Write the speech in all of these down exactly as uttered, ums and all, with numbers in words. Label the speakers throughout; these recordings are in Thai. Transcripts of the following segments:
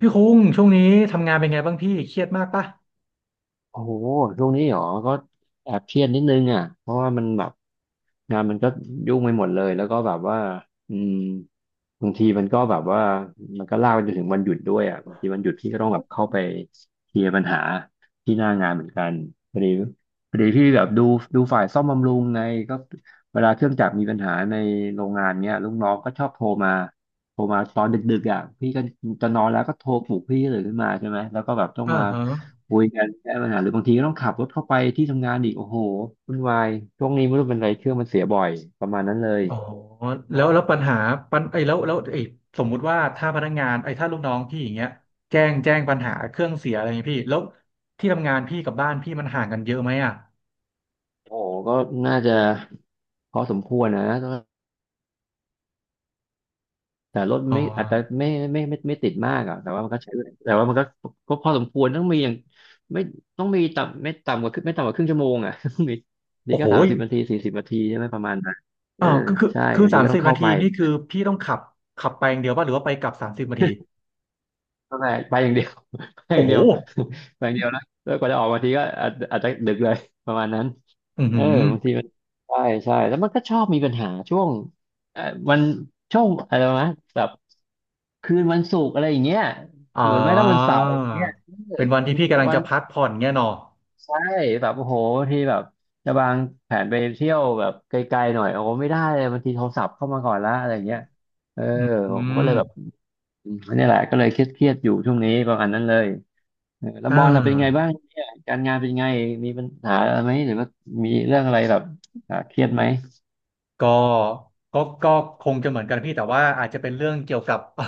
Speaker 1: พี่คุ้งช่วงนี้ทำงานเป็นไงบ้างพี่เครียดมากปะ
Speaker 2: โอ้โหช่วงนี้เหรอก็แอบเครียดนิดนึงอ่ะเพราะว่ามันแบบงานมันก็ยุ่งไปหมดเลยแล้วก็แบบว่าอืมบางทีมันก็แบบว่ามันก็ลากไปจนถึงวันหยุดด้วยอ่ะบางทีวันหยุดพี่ก็ต้องแบบเข้าไปเคลียร์ปัญหาที่หน้างานเหมือนกันพอดีพอดีพี่แบบดูดูฝ่ายซ่อมบำรุงไงก็เวลาเครื่องจักรมีปัญหาในโรงงานเนี้ยลูกน้องก็ชอบโทรมาโทรมาตอนดึกๆอ่ะพี่ก็จะนอนแล้วก็โทรปลุกพี่ตื่นขึ้นมาใช่ไหมแล้วก็แบบต้อง
Speaker 1: อ่า
Speaker 2: มา
Speaker 1: ฮะ
Speaker 2: คุยกันแก้ปัญหาหรือบางทีก็ต้องขับรถเข้าไปที่ทำงานอีกโอ้โหวุ่นวายช่วงนี้ไม่รู้เป็นไรเครื่องมันเสียบ่อยประมาณนั้นเลย
Speaker 1: อ๋อแล้วแล้วปัญหาปัญไอ้ยแล้วแล้วไอ้ยสมมุติว่าถ้าพนักงานไอ้ยถ้าลูกน้องพี่อย่างเงี้ยแจ้งแจ้งปัญหาเครื่องเสียอะไรอย่างเงี้ยพี่แล้วที่ทำงานพี่กับบ้านพี่มันห่างกันเยอะไหมอ่ะ
Speaker 2: โอ้โหก็น่าจะพอสมควรนะแต่รถ
Speaker 1: อ๋อ
Speaker 2: ไม่อาจจะไม่ไม่ไม่ไม่ติดมากอ่ะแต่ว่ามันก็ใช้แต่ว่ามันก็ก็พอสมควรต้องมีอย่างไม่ต้องมีต่ำไม่ต่ำกว่าครึ่งไม่ต่ำกว่าครึ่งชั่วโมงอ่ะ ต้องมีนี่
Speaker 1: โอ้
Speaker 2: ก็
Speaker 1: โห
Speaker 2: สามสิบนาทีสี่สิบนาทีใช่ไหมประมาณนั้นเอ
Speaker 1: อ่า
Speaker 2: อ
Speaker 1: วคือคือ
Speaker 2: ใช่
Speaker 1: คือ
Speaker 2: บางที
Speaker 1: สาม
Speaker 2: ก็
Speaker 1: สิ
Speaker 2: ต้อ
Speaker 1: บ
Speaker 2: งเข้า
Speaker 1: นาที
Speaker 2: ไป
Speaker 1: นี่คือพี่ต้องขับขับไปอย่างเดียวป่ะหรือว่าไปกลับสามสิบนาที
Speaker 2: เข้าไปไปอย่างเดียว ไปอ
Speaker 1: โอ้
Speaker 2: ย่าง
Speaker 1: โห
Speaker 2: เดียว ไปอย่างเดียวนะแล้วกว่าจะออกบางทีก็อาจอาจจะดึกเลยประมาณนั้น
Speaker 1: อือ
Speaker 2: เอ
Speaker 1: หื
Speaker 2: อ
Speaker 1: อ
Speaker 2: บางทีมันใช่ใช่แล้วมันก็ชอบมีปัญหาช่วงเออวันช่วงอะไรนะแบบคืนวันศุกร์อะไรอย่างเงี้ย
Speaker 1: อ่
Speaker 2: หรือไม่ก็วันเสา
Speaker 1: า
Speaker 2: ร์อย่างเงี้ยเออ
Speaker 1: เป็นวันที่พี่กำลัง
Speaker 2: วั
Speaker 1: จะ
Speaker 2: น
Speaker 1: พักผ่อนเงี้ยเนาะ
Speaker 2: ใช่แบบโอ้โหบางทีแบบจะวางแผนไปเที่ยวแบบไกลๆหน่อยโอ้โหไม่ได้เลยบางทีโทรศัพท์เข้ามาก่อนละอะไรอย่างเงี้ยเออ
Speaker 1: อื
Speaker 2: ผมก็เล
Speaker 1: ม
Speaker 2: ยแบบอืมนี่แหละก็เลยเครียดๆอยู่ช่วงนี้ประมาณนั้นเลยเออแล้ว
Speaker 1: อ่
Speaker 2: บอลล่ะเป็นไงบ้า
Speaker 1: า
Speaker 2: งเนี่ยการงานเป็นไงมีปัญหาอะไรไหมหรือว่ามีเรื่องอะไรแบบอ่าเครียดไหม
Speaker 1: ก็ก็ก็คงจะเหมือนกันพี่แต่ว่าอาจจะเป็นเรื่องเกี่ยวกับ เออ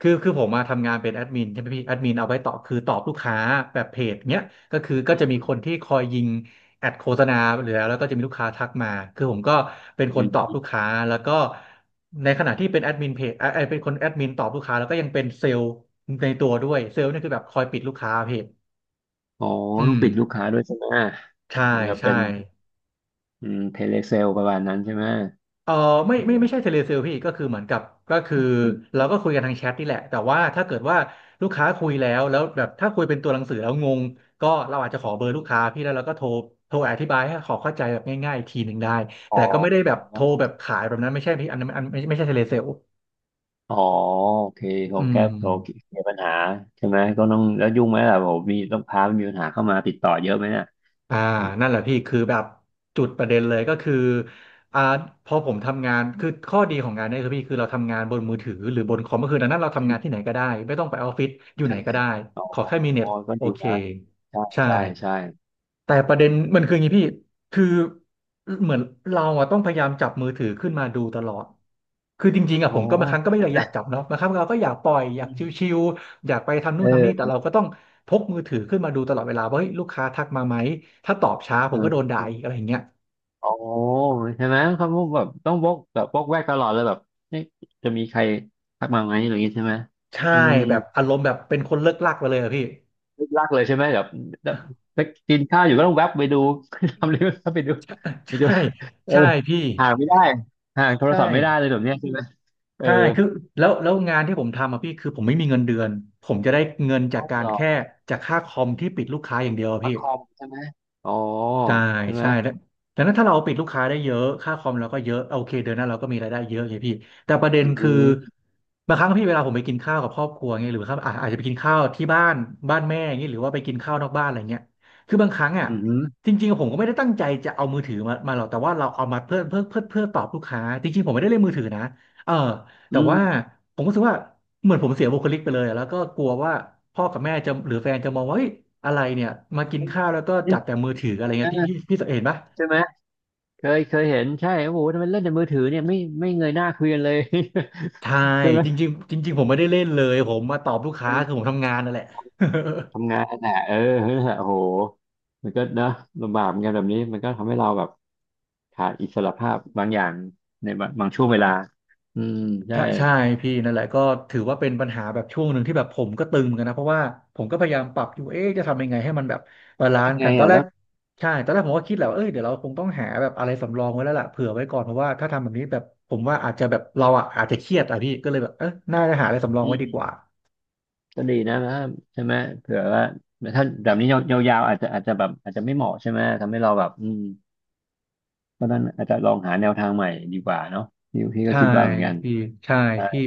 Speaker 1: คือคือผมมาทำงานเป็นแอดมินใช่ไหมพี่แอดมินเอาไว้ตอบคือตอบลูกค้าแบบเพจเนี้ยก็คือก็
Speaker 2: อื
Speaker 1: จะมี
Speaker 2: ม
Speaker 1: คนที่คอยยิงแอดโฆษณาหรือแล้วแล้วก็จะมีลูกค้าทักมาคือผมก็เป็น
Speaker 2: อื
Speaker 1: คนตอบ
Speaker 2: ม
Speaker 1: ลูกค้าแล้วก็ในขณะที่เป็นแอดมินเพจเออเอ่อเป็นคนแอดมินตอบลูกค้าแล้วก็ยังเป็นเซลล์ในตัวด้วยเซลล์นี่คือแบบคอยปิดลูกค้าเพจ
Speaker 2: อ๋อ
Speaker 1: อื
Speaker 2: ต้อง
Speaker 1: ม
Speaker 2: ปิดลูกค้าด้วยใช่ไหม
Speaker 1: ใช่
Speaker 2: เหมือนกับ
Speaker 1: ใช่
Speaker 2: เป็นอืมเทเลเซลประมาณนั้นใช่ไหม
Speaker 1: เออไม่
Speaker 2: อื
Speaker 1: ไม่ไม่
Speaker 2: ม
Speaker 1: ใช่เทเลเซลพี่ก็คือเหมือนกับก็คือเราก็คุยกันทางแชทนี่แหละแต่ว่าถ้าเกิดว่าลูกค้าคุยแล้วแล้วแบบถ้าคุยเป็นตัวหนังสือแล้วงงก็เราอาจจะขอเบอร์ลูกค้าพี่แล้วเราก็โทรโทรอธิบายให้เขอเข้าใจแบบง่ายๆอีกทีหนึ่งได้
Speaker 2: อ๋
Speaker 1: แต่
Speaker 2: อ
Speaker 1: ก็ไม่ได้แบบโทรแบบขายแบบนั้นไม่ใช่พี่อันนั้นอันไม่ไม่ใช่เทเลเซล
Speaker 2: อ๋อโอเค
Speaker 1: อื
Speaker 2: เขาแก้โทรเคล
Speaker 1: ม
Speaker 2: ียร์ปัญหาใช่ไหมก็ต้องแล้วยุ่งไหมล่ะผมมีต้องพามีปัญหาเข้ามาติดต่อเยอะไหมเนี่ย
Speaker 1: อ่า
Speaker 2: อืม
Speaker 1: นั่นแหละพี่คือแบบจุดประเด็นเลยก็คืออ่าพอผมทำงานคือข้อดีของงานเนี้คือพี่คือเราทำงานบนมือถือหรือบนคอมก็คือดังนั้นเราทำงานที่ไหนก็ได้ ไม่ต้องไปออฟฟิศอยู่ไห
Speaker 2: ใช่
Speaker 1: นก็ได้
Speaker 2: อ๋อ
Speaker 1: ขอแค่มีเน็
Speaker 2: อ๋
Speaker 1: ต
Speaker 2: อก็
Speaker 1: โอ
Speaker 2: ดี
Speaker 1: เค
Speaker 2: นะใช่
Speaker 1: ใช่
Speaker 2: ใช่ ใช่
Speaker 1: แต่ประเด็นมันคืออย่างนี้พี่คือเหมือนเราอะต้องพยายามจับมือถือขึ้นมาดูตลอดคือจริงๆ
Speaker 2: อ๋
Speaker 1: อะ
Speaker 2: อ
Speaker 1: ผมก็บางครั้งก็ไม่
Speaker 2: ใช่
Speaker 1: ได้
Speaker 2: ไหม
Speaker 1: อยากจับเนาะบางครั้งเราก็อยากปล่อยอยากชิวๆอยากไปทำนู่นทำนี่แต่
Speaker 2: เออ
Speaker 1: เราก็ต้องพกมือถือขึ้นมาดูตลอดเวลาว่าเฮ้ยลูกค้าทักมาไหมถ้าตอบช้าผ
Speaker 2: เอ
Speaker 1: มก็โดนด่าอีกอะ
Speaker 2: อ
Speaker 1: ไรอย่างเงี้ย
Speaker 2: อ๋อใช่ไหมเขาแบบต้องวกแบบวกแวกตลอดเลยแบบเอ๊ะจะมีใครทักมาไหมอะไรอย่างงี้ใช่ไหม
Speaker 1: ใช่
Speaker 2: อืม
Speaker 1: แบบอารมณ์แบบเป็นคนเลิกลักไปเลยอะพี่
Speaker 2: ลึกลักเลยใช่ไหมแบบแบบไปกินข้าวอยู่ก็ต้องแวบไปดู ทำเลยก็ไปดู ไปดู
Speaker 1: ใช่
Speaker 2: เออ
Speaker 1: ใช่พี่
Speaker 2: ห่างไม่ได้ห่างโทร
Speaker 1: ใช่
Speaker 2: ศัพท์ไม่ได้เลยแบบเนี้ยใช่ไหมเออ
Speaker 1: ใช่คือแล้วแล้วงานที่ผมทำอ่ะพี่ คือผมไม่มีเงินเดือน ผมจะได้เงินจาก
Speaker 2: ต้อง
Speaker 1: กา
Speaker 2: ห
Speaker 1: ร
Speaker 2: รอ
Speaker 1: แค่จากค่าคอมที่ปิดลูกค้าอย่างเดียวอะ
Speaker 2: ประ
Speaker 1: พี่
Speaker 2: คอมใช่ไหมอ๋อ
Speaker 1: ใช่
Speaker 2: ใช่ไหม
Speaker 1: ใช่แล้วดังนั้นถ้าเราปิดลูกค้าได้เยอะค่าคอมเราก็เยอะโอเคเดือนหน้าเราก็มีรายได้เยอะไงพี่แต่ประเด็
Speaker 2: อ
Speaker 1: น
Speaker 2: ื
Speaker 1: คือ
Speaker 2: ม
Speaker 1: บางครั้งพี่เวลาผมไปกินข้าวกับครอบครัวเงี้ยหรือครับอาอาจจะไปกินข้าวที่บ้านบ้านแม่อย่างเงี้ยหรือว่าไปกินข้าวนอกบ้านอะไรเงี้ยคือบางครั้งอ่ะ
Speaker 2: อืม
Speaker 1: จริงๆผมก็ไม่ได้ตั้งใจจะเอามือถือมามาหรอกแต่ว่าเราเอามาเพื่อเพื่อเพื่อเพื่อตอบลูกค้าจริงๆผมไม่ได้เล่นมือถือนะเออ
Speaker 2: อื
Speaker 1: แต่
Speaker 2: ม
Speaker 1: ว่าผมก็รู้สึกว่าเหมือนผมเสียบุคลิกไปเลยอะแล้วก็กลัวว่าพ่อกับแม่จะหรือแฟนจะมองว่าเฮ้ยอะไรเนี่ยมากิ
Speaker 2: เอ
Speaker 1: น
Speaker 2: อ
Speaker 1: ข้าวแล้วก็
Speaker 2: เล่
Speaker 1: จั
Speaker 2: น
Speaker 1: บแต่มือถืออะไร
Speaker 2: เอ
Speaker 1: เงี้
Speaker 2: อ
Speaker 1: ยพี่พี่พี่เห็นปะ
Speaker 2: ใช่ไหมเคยเคยเห็นใช่โอ้โหทำไมเล่นแต่มือถือเนี่ยไม่ไม่เงยหน้าคุยกันเลย
Speaker 1: ใช่
Speaker 2: ใช่ไหม
Speaker 1: จริงๆจริงๆผมไม่ได้เล่นเลยผมมาตอบลูก
Speaker 2: เอ
Speaker 1: ค้าคือผ
Speaker 2: อ
Speaker 1: มทำงานนั่นแหละ
Speaker 2: ทำงานน่ะเออนั่นโอ้โหมันก็เนอะลำบากเหมือนกันแบบนี้มันก็ทำให้เราแบบขาดอิสระภาพบางอย่างในบางบางช่วงเวลาอืมใช่
Speaker 1: ถ้าใช่พี่นั่นแหละก็ถือว่าเป็นปัญหาแบบช่วงหนึ่งที่แบบผมก็ตึงเหมือนกันนะเพราะว่าผมก็พยายามปรับอยู่เอ๊ะจะทำยังไงให้มันแบบบา
Speaker 2: แล้
Speaker 1: ลา
Speaker 2: ว
Speaker 1: นซ์
Speaker 2: ทำไง
Speaker 1: กันตอ
Speaker 2: อ่ะ
Speaker 1: นแร
Speaker 2: แล้
Speaker 1: ก
Speaker 2: ว
Speaker 1: ใช่ตอนแรกผมก็คิดแหละว่าเอ้ยเดี๋ยวเราคงต้องหาแบบอะไรสำรองไว้แล้วล่ะเผื่อไว้ก่อนเพราะว่าถ้าทำแบบนี้แบบผมว่าอาจจะแบบเราอ่ะอาจจะเครียดอ่ะพี่ก็เลยแบบเออน่าจะหาอะไรสำรอง
Speaker 2: อื
Speaker 1: ไว้ดีก
Speaker 2: ม
Speaker 1: ว่า
Speaker 2: ก็ดีนะนะใช่ไหมเผื่อว่าถ้าแบบนี้ยาวๆอาจจะอาจจะแบบอาจจะไม่เหมาะใช่ไหมทำให้เราแบบอืมเพราะฉะนั้นอาจจะลองหาแนวทางใหม่ดีกว่าเนาะพี่พี่ก็
Speaker 1: ใช่
Speaker 2: คิดว่าเหมือนกัน
Speaker 1: พี่ใช่พี่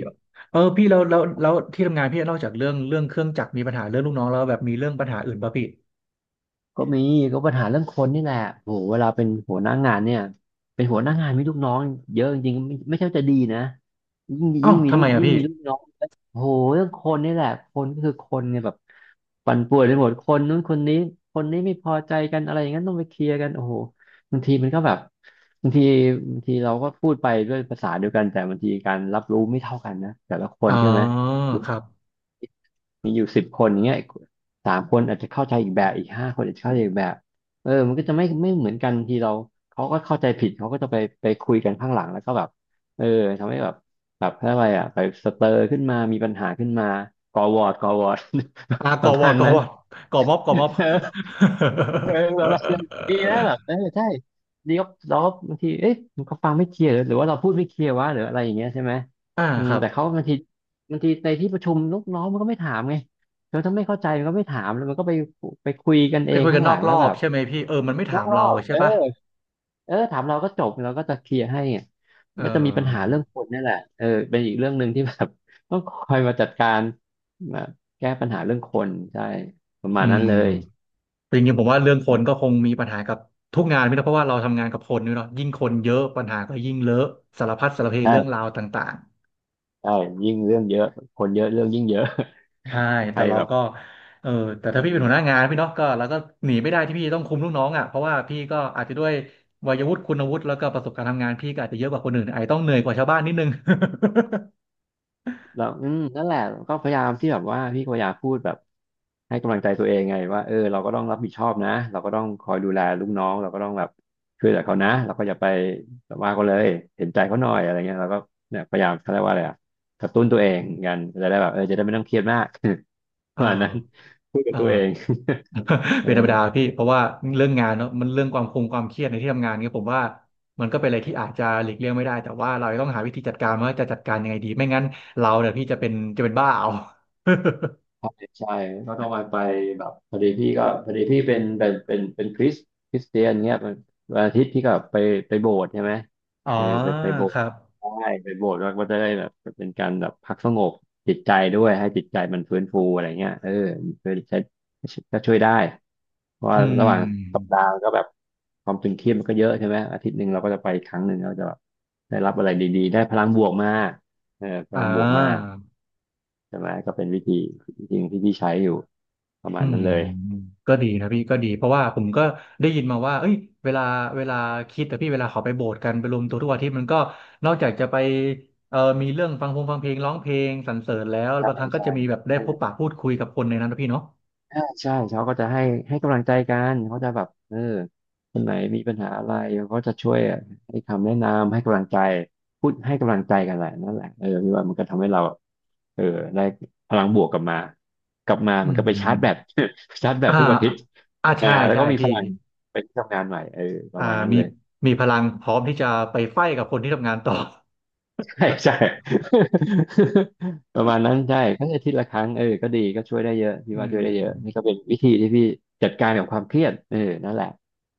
Speaker 1: เออพี่แล้วแล้วแล้วที่ทำงานพี่นอกจากเรื่องเรื่องเครื่องจักรมีปัญหาเรื่องลูกน้องแล้วแบบมีเรื่องปัญหาอื่นป่ะพี่
Speaker 2: ก็มีก็ปัญหาเรื่องคนนี่แหละโหเวลาเป็นหัวหน้างานเนี่ยเป็นหัวหน้างานมีลูกน้องเยอะจริงๆไม่ไม่ใช่ว่าจะดีนะยิ่ง
Speaker 1: เอ้า
Speaker 2: ยิ่งมี
Speaker 1: ทำ
Speaker 2: ลู
Speaker 1: ไม
Speaker 2: ก
Speaker 1: อะ
Speaker 2: ยิ่ง
Speaker 1: พี่
Speaker 2: มีลูกน้องโหเรื่องคนนี่แหละคนก็คือคนเนี่ยแบบปั่นป่วนไปหมดคนนู้นคนนี้คนนี้ไม่พอใจกันอะไรอย่างนั้นต้องไปเคลียร์กันโอ้โหบางทีมันก็แบบบางทีบางทีเราก็พูดไปด้วยภาษาเดียวกันแต่บางทีการรับรู้ไม่เท่ากันนะแต่ละค
Speaker 1: อ๋
Speaker 2: น
Speaker 1: อ
Speaker 2: ใช่ไหม
Speaker 1: ครับ
Speaker 2: มีอยู่สิบคนอย่างเงี้ยสามคนอาจจะเข้าใจอีกแบบอีกห้าคนอาจจะเข้าใจอีกแบบเออมันก็จะไม่ไม่เหมือนกันทีเราเขาก็เข้าใจผิดเขาก็จะไปไปคุยกันข้างหลังแล้วก็แบบเออทำให้แบบแบบอะไรอ่ะไปสเตอร์ขึ้นมามีปัญหาขึ้นมาก่อวอร์ดก่อวอร์ด
Speaker 1: อ่า
Speaker 2: ป
Speaker 1: ก่อ
Speaker 2: ระ
Speaker 1: วอ
Speaker 2: มา
Speaker 1: ร์ด
Speaker 2: ณ
Speaker 1: ก่อ
Speaker 2: นั้
Speaker 1: ว
Speaker 2: น
Speaker 1: อร์ดก่อม็อบก่อม็อบ
Speaker 2: เออแบบว่าดีนะแบบเออ ใช่ดีก็เราก็บางทีเอ๊ะมันก็ฟังไม่เคลียร์หรือหรือว่าเราพูดไม่เคลียร์วะหรืออะไรอย่างเงี้ยใช่ไหม
Speaker 1: อ่า
Speaker 2: อื
Speaker 1: ค
Speaker 2: ม
Speaker 1: รับ
Speaker 2: แต่เขาบางทีบางทีในที่ประชุมลูกน้องมันก็ไม่ถามไงแล้วถ้าไม่เข้าใจมันก็ไม่ถามแล้วมันก็ไปไปคุยกัน
Speaker 1: ไป
Speaker 2: เอง
Speaker 1: คุยกั
Speaker 2: ข้า
Speaker 1: น
Speaker 2: ง
Speaker 1: น
Speaker 2: หลั
Speaker 1: อก
Speaker 2: ง
Speaker 1: ร
Speaker 2: แล้
Speaker 1: อ
Speaker 2: วแบ
Speaker 1: บ
Speaker 2: บ
Speaker 1: ใช่ไหมพี่เออมันไม่
Speaker 2: น
Speaker 1: ถา
Speaker 2: อก
Speaker 1: ม
Speaker 2: รอ
Speaker 1: เรา
Speaker 2: บเอ
Speaker 1: ใช่
Speaker 2: อ
Speaker 1: ปะ
Speaker 2: เออถามเราก็จบเราก็จะเคลียร์ให้อ่ะมั
Speaker 1: เอ
Speaker 2: นก็จะมีปัญหา
Speaker 1: อ
Speaker 2: เรื่องคนนี่แหละเออเป็นอีกเรื่องหนึ่งที่แบบ ต้องคอยมาจัดการมาแก้ปัญหาเรื่องคนใช่ประ
Speaker 1: อื
Speaker 2: มาณนั้
Speaker 1: ม
Speaker 2: นเลย
Speaker 1: จริงๆผมว่าเรื่องคนก็คงมีปัญหากับทุกงานพี่นะเพราะว่าเราทำงานกับคนนี่เนาะยิ่งคนเยอะปัญหาก็ยิ่งเลอะสารพัดสารเพเรื่องรา
Speaker 2: ใช่
Speaker 1: วต่างๆ
Speaker 2: ใช่ยิ่งเรื่องเยอะคนเยอะเรื่องยิ่งเยอะ
Speaker 1: ใช่
Speaker 2: ใคร
Speaker 1: แต่เรา
Speaker 2: แบบ
Speaker 1: ก็เออแต่
Speaker 2: อื
Speaker 1: ถ้าพี่เป็
Speaker 2: ม
Speaker 1: นหัวหน้างานพี่เนาะก็เราก็หนีไม่ได้ที่พี่ต้องคุมลูกน้องอ่ะเพราะว่าพี่ก็อาจจะด้วยวัยวุฒิคุณวุฒิแล้วก็ประสบการณ์ทำงานพี่ก็อาจจะเยอะกว่าคนอื่นอาจจะต้องเหนื่อยกว่าชาวบ้านนิดนึง
Speaker 2: แล้วอืมนั่นแหละก็พยายามที่แบบว่าพี่ก็พยายามพูดแบบให้กำลังใจตัวเองไงว่าเออเราก็ต้องรับผิดชอบนะเราก็ต้องคอยดูแลลูกน้องเราก็ต้องแบบช่วยเหลือเขานะเราก็อย่าไปแบบว่าเขาเลยเห็นใจเขาหน่อยอะไรเงี้ยเราก็เนี่ยพยายามเขาเรียกว่าอะไรอะกระตุ้นตัวเองกันจะได้แบบเออจะได้ไม่ต้องเครียดมาก
Speaker 1: เอ
Speaker 2: ประมาณนั้น
Speaker 1: อ
Speaker 2: พูดกั
Speaker 1: เอ
Speaker 2: บตัวเอง
Speaker 1: อ
Speaker 2: เออ
Speaker 1: เป็นธรรมดาพี่เพราะว่าเรื่องงานเนาะมันเรื่องความคงความเครียดในที่ทำงานเนี่ยผมว่ามันก็เป็นอะไรที่อาจจะหลีกเลี่ยงไม่ได้แต่ว่าเราต้องหาวิธีจัดการว่าจะจัดการยังไงดีไม่งั้นเราเนี่ยพี่จะเป็นจะเป็นบ้าเอา
Speaker 2: ใช่ใช่ก็ต้องไปแบบพอดีพี่ก็พอดีพี่เป็นเป็นเป็นเป็นคริสคริสเตียนเงี้ยมันวันอาทิตย์พี่ก็ไปไปโบสถ์ใช่ไหม
Speaker 1: อ๋อ
Speaker 2: เออไปไปโบส
Speaker 1: ค
Speaker 2: ถ์
Speaker 1: รับ
Speaker 2: ใช่ไปโบสถ์แล้วก็จะได้แบบเป็นการแบบพักสงบจิตใจด้วยให้จิตใจมันฟื้นฟูอะไรเงี้ยเออช่วยใช้ก็ช่วยได้เพราะ
Speaker 1: อื
Speaker 2: ว่าระหว่างสัป
Speaker 1: ม
Speaker 2: ดาห์ก็แบบความตึงเครียดมันก็เยอะใช่ไหมอาทิตย์หนึ่งเราก็จะไปครั้งหนึ่งเราจะแบบได้รับอะไรดีๆได้พลังบวกมาเออพ
Speaker 1: อ่
Speaker 2: ลังบวกมา
Speaker 1: า
Speaker 2: ใช่ไหมก็เป็นวิธีจริงที่พี่ใช้อยู่ประมา
Speaker 1: อื
Speaker 2: ณ
Speaker 1: ม
Speaker 2: นั้นเลย
Speaker 1: ก็ดีนะพี่ก็ดีเพราะว่าผมก็ได้ยินมาว่าเอ้ยเวลาเวลาคิดแต่พี่เวลาเขาไปโบสถ์กันไปรวมตัวทุกอาทิตย์มันก็นอกจากจะไปเอ่อมีเรื่องฟังพงฟังเพลงร้องเพลงสรรเสริญแล้ว
Speaker 2: ใช่
Speaker 1: บางครั้งก็
Speaker 2: ใช่
Speaker 1: จะมีแบบได้
Speaker 2: ใช่
Speaker 1: พบปะพูดคุยกับคนในนั้นนะพี่เนาะ
Speaker 2: ใช่ใช่เขาก็จะให้ให้กำลังใจกันเขาจะแบบเออคนไหนมีปัญหาอะไรเขาก็จะช่วยให้คำแนะนำให้กำลังใจพูดให้กำลังใจกันแหละนั่นแหละเออพี่ว่ามันก็ทำให้เราเออได้พลังบวกกลับมากลับมา
Speaker 1: อื
Speaker 2: มันก็ไป
Speaker 1: ม
Speaker 2: ชาร์จแบต ชาร์จแบต
Speaker 1: อ่า
Speaker 2: ทุกอาทิตย์
Speaker 1: อ่า
Speaker 2: อ่า
Speaker 1: ใช่
Speaker 2: แล้ว
Speaker 1: ใช่
Speaker 2: ก็มีพ
Speaker 1: พี่
Speaker 2: ลังไปที่ทำงานใหม่เออป
Speaker 1: อ่า
Speaker 2: ระมาณนั้น
Speaker 1: มี
Speaker 2: เลย
Speaker 1: มีพลังพร้อมที่จะไปไฟท์กับคนที่ทำงานต่อ
Speaker 2: ใช่ใช่ ประมาณนั้นใช่ทั้งอาทิตย์ละครั้งเออก็ดีก็ช่วยได้เยอะ พี่
Speaker 1: อื
Speaker 2: ว่าช่วยได้
Speaker 1: ม
Speaker 2: เยอะนี่ก็เป็นวิธีที่พี่จัดการกับความเครียดเออนั่นแหละ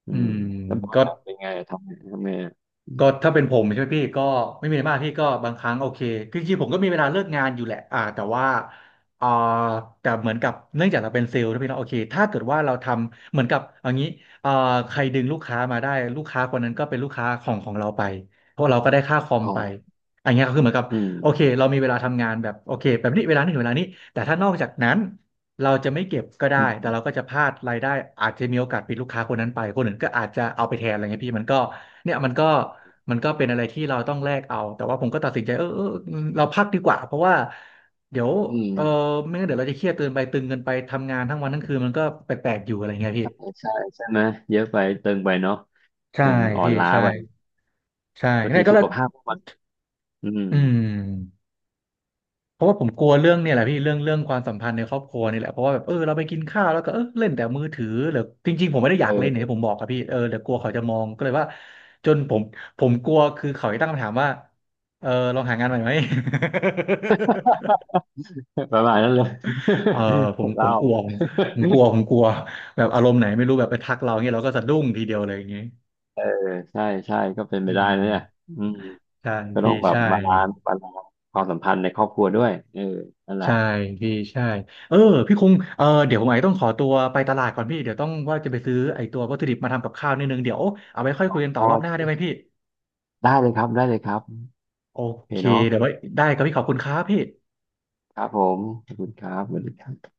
Speaker 2: อื
Speaker 1: อื
Speaker 2: ม
Speaker 1: ม
Speaker 2: แล้วบอล
Speaker 1: ก็
Speaker 2: อะเป็นไงทำไงทำไงอะ
Speaker 1: ก็ถ้าเป็นผมใช่ไหมพี่ก็ไม่มีอะไรมากพี่ก็บางครั้งโอเคคือจริงๆผมก็มีเวลาเลิกงานอยู่แหละอ่าแต่ว่าอ่าแต่เหมือนกับเนื่องจากเราเป็นเซลล์นะพี่เนาะโอเคถ้าเกิดว่าเราทำเหมือนกับเอย่างนี้อ่าใครดึงลูกค้ามาได้ลูกค้าคนนั้นก็เป็นลูกค้าของของเราไปเพราะเราก็ได้ค่าคอม
Speaker 2: อ๋อ
Speaker 1: ไปอันเนี้ยก็คือเหมือนกับ
Speaker 2: อืม
Speaker 1: โอเคเรามีเวลาทำงานแบบโอเคแบบนี้เวลานี้ถึงเวลานี้แต่ถ้านอกจากนั้น เราจะไม่เก็บก็ได้
Speaker 2: อื
Speaker 1: แต่เรา
Speaker 2: ม
Speaker 1: ก็จะพลาดรายได้อาจจะมีโอกาสปิดลูกค้าคนนั้นไปคนอื่นก็อาจจะเอาไปแทนอะไรเงี้ยพี่มันก็เนี่ยมันก็มันก็เป็นอะไรที่เราต้องแลกเอา แต่ว่าผมก็ตัดสินใจเออเออเราพักดีกว่าเพราะว่าเดี๋ยว
Speaker 2: อืม
Speaker 1: เออไม่งั้นเดี๋ยวเราจะเครียดเกินไปตึงเกินไปทำงานทั้งวันทั้งคืนมันก็แปลกๆอยู่อะไรเงี้ยพี่
Speaker 2: ใช่ใช่ใช่ไหมเยอะไปเติมไปเนาะ
Speaker 1: ใช่
Speaker 2: มันอ่อน
Speaker 1: พี่
Speaker 2: ล้า
Speaker 1: ใช่
Speaker 2: ไป
Speaker 1: ใช่
Speaker 2: บาง
Speaker 1: เนี่
Speaker 2: ที
Speaker 1: ยก็
Speaker 2: สุ
Speaker 1: เล
Speaker 2: ข
Speaker 1: ย
Speaker 2: ภาพก็มนอืม
Speaker 1: อืม เพราะว่าผมกลัวเรื่องเนี่ยแหละพี่เรื่องเรื่องความสัมพันธ์ในครอบครัวนี่แหละเพราะว่าแบบเออเราไปกินข้าวแล้วก็เออเล่นแต่มือถือหรือจริงๆผมไม่ได้อยากเล่นอย่าง
Speaker 2: เออ
Speaker 1: ที่ผมบอกอะพี่เออแต่กลัวเขาจะมองก็เลยว่าจนผมผมกลัวคือเขาจะตั้งคำถามว่าเออลองหางานใหม่ไหม
Speaker 2: ประมาณนั้นเลย
Speaker 1: เออผม ผ
Speaker 2: เล่า
Speaker 1: มกลัวผม ผมกลัวผมกลัวแบบอารมณ์ไหนไม่รู้แบบไปทักเราเงี้ยเราก็สะดุ้งทีเดียวเลยอย่างงี้
Speaker 2: เออใช่ใช่ก็เป็น
Speaker 1: อื
Speaker 2: ไปได้นะเนี่ย
Speaker 1: ม
Speaker 2: อืม
Speaker 1: ใช่
Speaker 2: ก็ต้อ
Speaker 1: พี่
Speaker 2: งแบบ
Speaker 1: ใช่
Speaker 2: บาลานซ์บาลานซ์ความสัมพันธ์ในครอบครัวด้วยเออนั่นแหละ
Speaker 1: ใช่พี่ใช่เออพี่คงเออเดี๋ยวผมอาจจะต้องขอตัวไปตลาดก่อนพี่เดี๋ยวต้องว่าจะไปซื้อไอ้ตัววัตถุดิบมาทำกับข้าวนิดนึงเดี๋ยวเอาไว้ค่อยคุยกันต่
Speaker 2: พ
Speaker 1: อ
Speaker 2: อ
Speaker 1: รอบหน้าได้ไหมพี่
Speaker 2: ได้เลยครับได้เลยครับ
Speaker 1: โอ
Speaker 2: โอเค
Speaker 1: เค
Speaker 2: เนาะ
Speaker 1: เดี๋ยวไว้ได้ครับพี่ขอบคุณครับพี่
Speaker 2: ครับผมขอบคุณครับสวัสดีครับ